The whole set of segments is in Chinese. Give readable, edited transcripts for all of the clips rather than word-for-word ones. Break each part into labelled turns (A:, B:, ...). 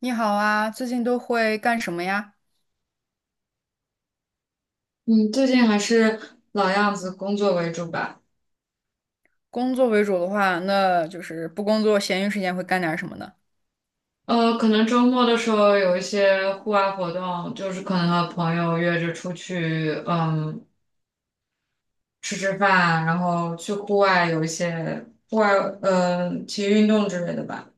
A: 你好啊，最近都会干什么呀？
B: 嗯，最近还是老样子，工作为主吧。
A: 工作为主的话，那就是不工作，闲余时间会干点什么呢？
B: 可能周末的时候有一些户外活动，就是可能和朋友约着出去，吃吃饭，然后去户外有一些户外，嗯，体育运动之类的吧。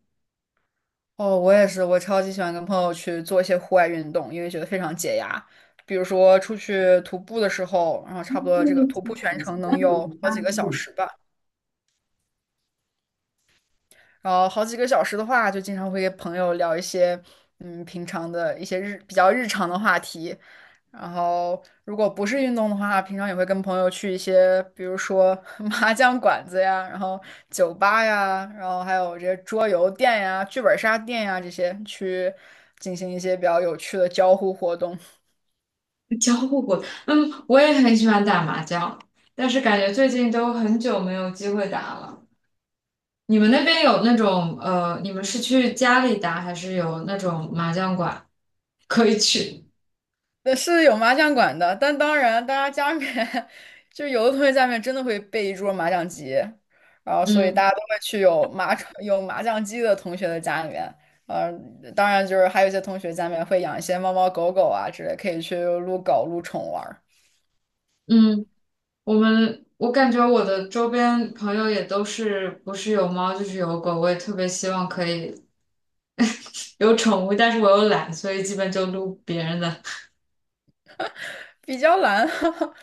A: 哦，我也是，我超级喜欢跟朋友去做一些户外运动，因为觉得非常解压。比如说出去徒步的时候，然后差不多这个徒步全程能有好几个小时吧。然后好几个小时的话，就经常会跟朋友聊一些平常的一些比较日常的话题。然后如果不是运动的话，平常也会跟朋友去一些，比如说 麻将馆子呀，然后酒吧呀，然后还有这些桌游店呀、剧本杀店呀这些，去进行一些比较有趣的交互活动。
B: 交互过，嗯，我也很喜欢打麻将，但是感觉最近都很久没有机会打了。你们那边有那种，你们是去家里打，还是有那种麻将馆 可以去？
A: 是有麻将馆的，但当然，大家家里面 就有的同学家里面真的会备一桌麻将机，然后所以大
B: 嗯
A: 家都会去有麻将机的同学的家里面。呃，当然就是还有一些同学家里面会养一些猫猫狗狗啊之类，可以去撸狗撸宠玩
B: 嗯。我感觉我的周边朋友也都是不是有猫就是有狗，我也特别希望可以 有宠物，但是我又懒，所以基本就撸别人的。
A: 比较难，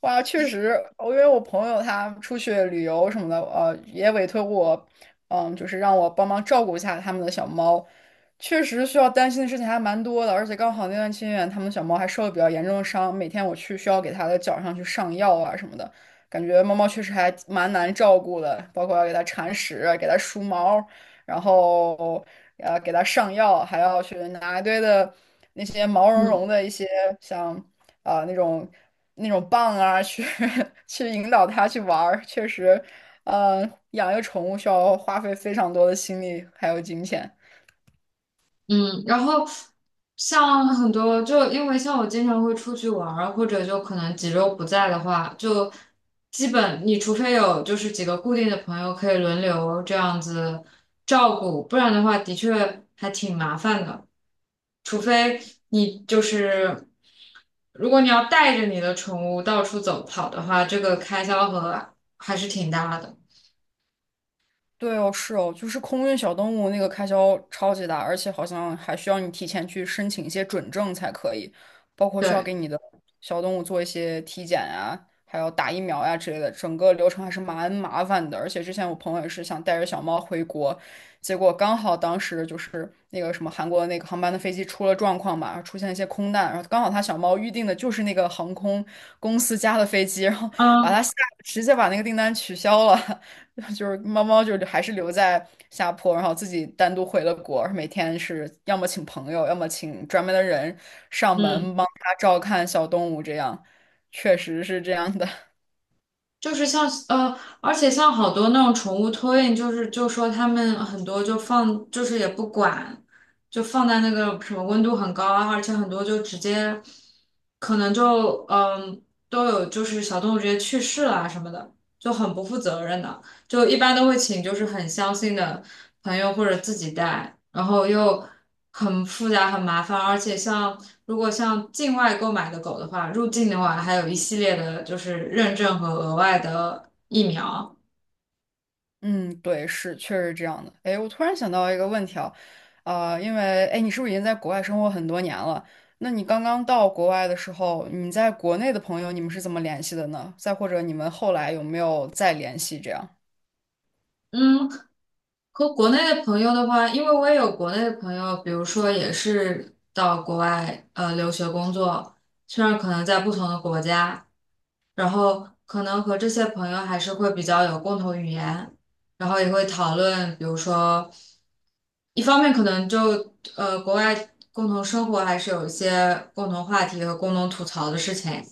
A: 哇，确实，因为我朋友他出去旅游什么的，也委托我，嗯，就是让我帮忙照顾一下他们的小猫。确实需要担心的事情还蛮多的，而且刚好那段期间，他们的小猫还受了比较严重的伤，每天我去需要给它的脚上去上药啊什么的，感觉猫猫确实还蛮难照顾的，包括要给它铲屎啊、给它梳毛，然后给它上药，还要去拿一堆的那些毛 茸
B: 嗯。
A: 茸的一些像啊、呃那种那种棒啊，去引导它去玩儿，确实，养一个宠物需要花费非常多的心力还有金钱。
B: 嗯，然后像很多，就因为像我经常会出去玩儿，或者就可能几周不在的话，就基本你除非有就是几个固定的朋友可以轮流这样子照顾，不然的话的确还挺麻烦的。除非你就是，如果你要带着你的宠物到处走跑的话，这个开销和还是挺大的。
A: 对哦，是哦，就是空运小动物那个开销超级大，而且好像还需要你提前去申请一些准证才可以，包括需要
B: 对，
A: 给你的小动物做一些体检啊，还有打疫苗呀、之类的，整个流程还是蛮麻烦的。而且之前我朋友也是想带着小猫回国，结果刚好当时就是那个什么韩国那个航班的飞机出了状况嘛，出现一些空难，然后刚好他小猫预定的就是那个航空公司家的飞机，然后把
B: 嗯
A: 他吓，直接把那个订单取消了。猫猫还是留在下坡，然后自己单独回了国，每天是要么请朋友，要么请专门的人上
B: 嗯。
A: 门帮它照看小动物，这样确实是这样的。
B: 就是像而且像好多那种宠物托运，就是就说他们很多就放，就是也不管，就放在那个什么温度很高啊，而且很多就直接可能就都有就是小动物直接去世了啊什么的，就很不负责任的。就一般都会请就是很相信的朋友或者自己带，然后又很复杂很麻烦，而且像如果像境外购买的狗的话，入境的话还有一系列的就是认证和额外的疫苗。
A: 嗯，对，是确实是这样的。哎，我突然想到一个问题啊，因为哎，你是不是已经在国外生活很多年了？那你刚刚到国外的时候，你在国内的朋友，你们是怎么联系的呢？再或者你们后来有没有再联系这样？
B: 嗯，和国内的朋友的话，因为我也有国内的朋友，比如说也是到国外留学工作，虽然可能在不同的国家，然后可能和这些朋友还是会比较有共同语言，然后也会讨论，比如说，一方面可能就国外共同生活还是有一些共同话题和共同吐槽的事情，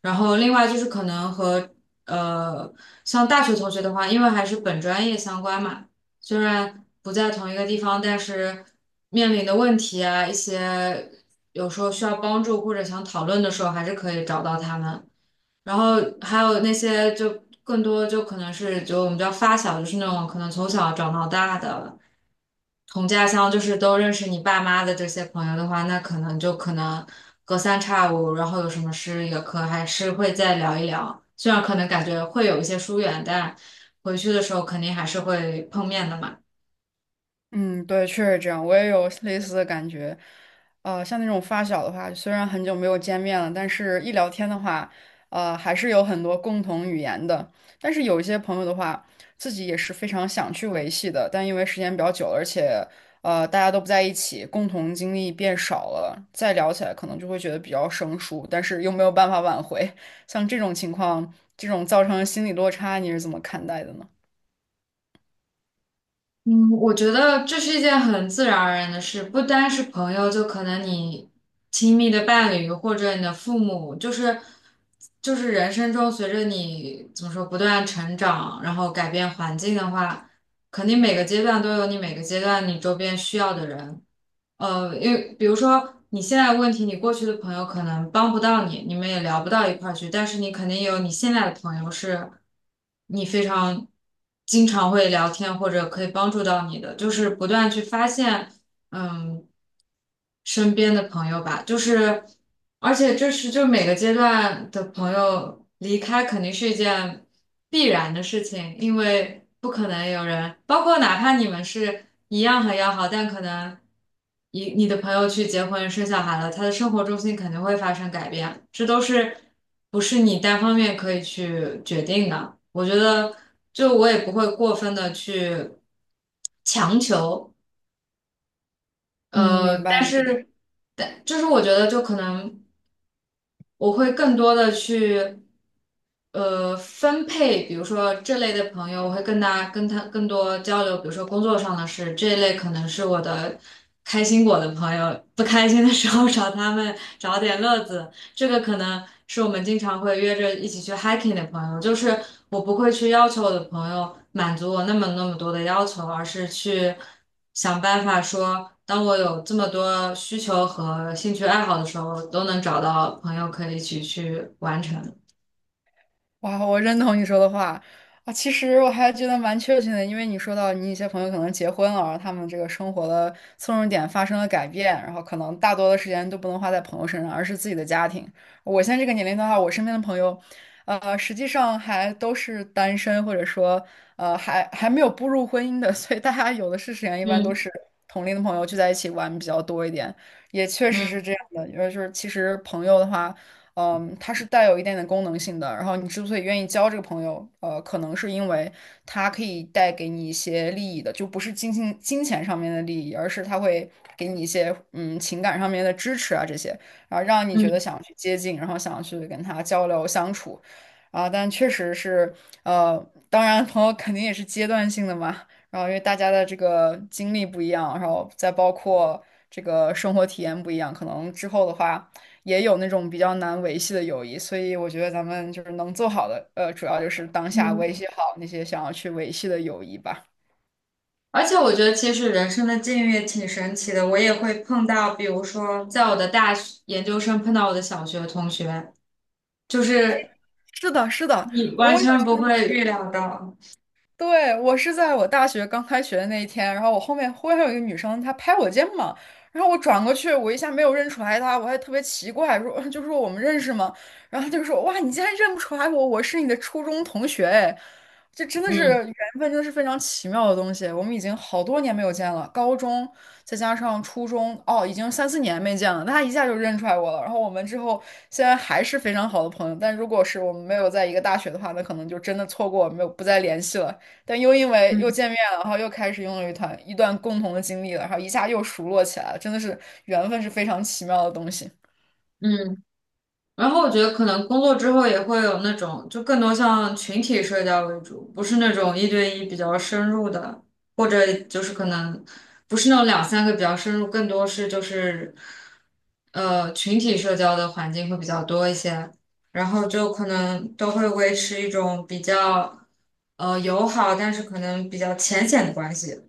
B: 然后另外就是可能和呃像大学同学的话，因为还是本专业相关嘛。虽然不在同一个地方，但是面临的问题啊，一些有时候需要帮助或者想讨论的时候，还是可以找到他们。然后还有那些就更多就可能是就我们叫发小，就是那种可能从小长到大的同家乡，就是都认识你爸妈的这些朋友的话，那可能就可能隔三差五，然后有什么事也可还是会再聊一聊。虽然可能感觉会有一些疏远，但回去的时候肯定还是会碰面的嘛。
A: 嗯，对，确实这样，我也有类似的感觉。像那种发小的话，虽然很久没有见面了，但是一聊天的话，还是有很多共同语言的。但是有一些朋友的话，自己也是非常想去维系的，但因为时间比较久了，而且大家都不在一起，共同经历变少了，再聊起来可能就会觉得比较生疏，但是又没有办法挽回。像这种情况，这种造成的心理落差，你是怎么看待的呢？
B: 嗯，我觉得这是一件很自然而然的事，不单是朋友，就可能你亲密的伴侣或者你的父母，就是人生中随着你怎么说不断成长，然后改变环境的话，肯定每个阶段都有你每个阶段你周边需要的人，因为比如说你现在的问题，你过去的朋友可能帮不到你，你们也聊不到一块儿去，但是你肯定有你现在的朋友是，你非常经常会聊天或者可以帮助到你的，就是不断去发现，嗯。身边的朋友吧，就是，而且这是就每个阶段的朋友离开肯定是一件必然的事情，因为不可能有人，包括哪怕你们是一样很要好，但可能你的朋友去结婚生小孩了，他的生活重心肯定会发生改变，这都是不是你单方面可以去决定的。我觉得，就我也不会过分的去强求。
A: 嗯，
B: 呃，
A: 明
B: 但
A: 白。
B: 是，但就是我觉得，就可能我会更多的去，分配，比如说这类的朋友，我会跟他更多交流，比如说工作上的事，这一类可能是我的开心果的朋友，不开心的时候 找他们找点乐子，这个可能是我们经常会约着一起去 hiking 的朋友，就是我不会去要求我的朋友满足我那么多的要求，而是去想办法说，当我有这么多需求和兴趣爱好的时候，都能找到朋友可以一起去完成。
A: 哇，我认同你说的话啊！其实我还觉得蛮确切的，因为你说到你一些朋友可能结婚了，然后他们这个生活的侧重点发生了改变，然后可能大多的时间都不能花在朋友身上，而是自己的家庭。我现在这个年龄的话，我身边的朋友，实际上还都是单身，或者说还没有步入婚姻的，所以大家有的是时间，一般都
B: 嗯
A: 是同龄的朋友聚在一起玩比较多一点，也确实是
B: 嗯
A: 这样的，因为就是其实朋友的话。嗯，他是带有一点点功能性的。然后你之所以愿意交这个朋友，可能是因为他可以带给你一些利益的，就不是金钱上面的利益，而是他会给你一些情感上面的支持啊这些，然后让你觉得
B: 嗯
A: 想去接近，然后想去跟他交流相处。啊，但确实是，呃，当然朋友肯定也是阶段性的嘛，然后因为大家的这个经历不一样，然后再包括这个生活体验不一样，可能之后的话。也有那种比较难维系的友谊，所以我觉得咱们就是能做好的，主要就是当下
B: 嗯，
A: 维系好那些想要去维系的友谊吧。
B: 而且我觉得其实人生的境遇也挺神奇的，我也会碰到，比如说在我的大学研究生碰到我的小学同学，就
A: 哎，
B: 是
A: 是的，是的，
B: 你完
A: 我有
B: 全不会预料到。
A: 对，我是在我大学刚开学的那一天，然后我后面忽然有一个女生，她拍我肩膀，然后我转过去，我一下没有认出来她，我还特别奇怪，说 就说我们认识吗？然后她就说哇，你竟然认不出来我，我是你的初中同学，哎，这真的是
B: 嗯
A: 缘分，真的是非常奇妙的东西。我们已经好多年没有见了，高中再加上初中，哦，已经三四年没见了，她一下就认出来我了。然后我们之后现在还是非常好的朋友，但如果是我们没有在一个大学的话，那可能就真的错过，没有不再联系了。但又因为又
B: 嗯
A: 见面了，然后又开始拥有一段共同的经历了，然后一下又熟络起来了，真的是缘分是非常奇妙的东西。
B: 嗯，然后我觉得可能工作之后也会有那种，就更多像群体社交为主，不是那种一对一比较深入的，或者就是可能不是那种两三个比较深入，更多是就是群体社交的环境会比较多一些，然后就可能都会维持一种比较友好，但是可能比较浅显的关系。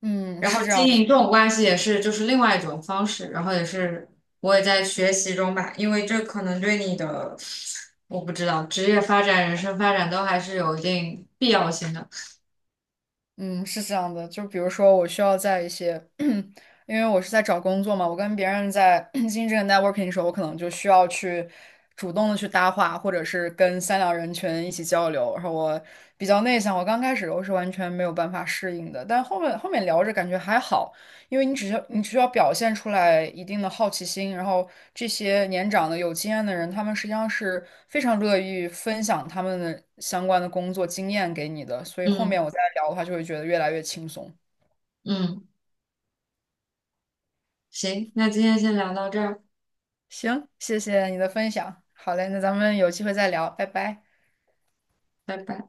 A: 嗯，
B: 然
A: 是
B: 后
A: 这
B: 经
A: 样的，
B: 营这种关系也是就是另外一种方式，然后也是我也在学习中吧，因为这可能对你的我不知道职业发展、人生发展都还是有一定必要性的。
A: 嗯，是这样的。就比如说，我需要在一些，因为我是在找工作嘛，我跟别人在 进行这个 networking 的时候，我可能就需要去主动的去搭话，或者是跟三两人群一起交流。然后我比较内向，我刚开始我是完全没有办法适应的，但后面聊着感觉还好。因为你只需要表现出来一定的好奇心，然后这些年长的有经验的人，他们实际上是非常乐于分享他们的相关的工作经验给你的，所以后面
B: 嗯
A: 我再聊的话，就会觉得越来越轻松。
B: 嗯，行，那今天先聊到这儿，
A: 行，谢谢你的分享，好嘞，那咱们有机会再聊，拜拜。
B: 拜拜。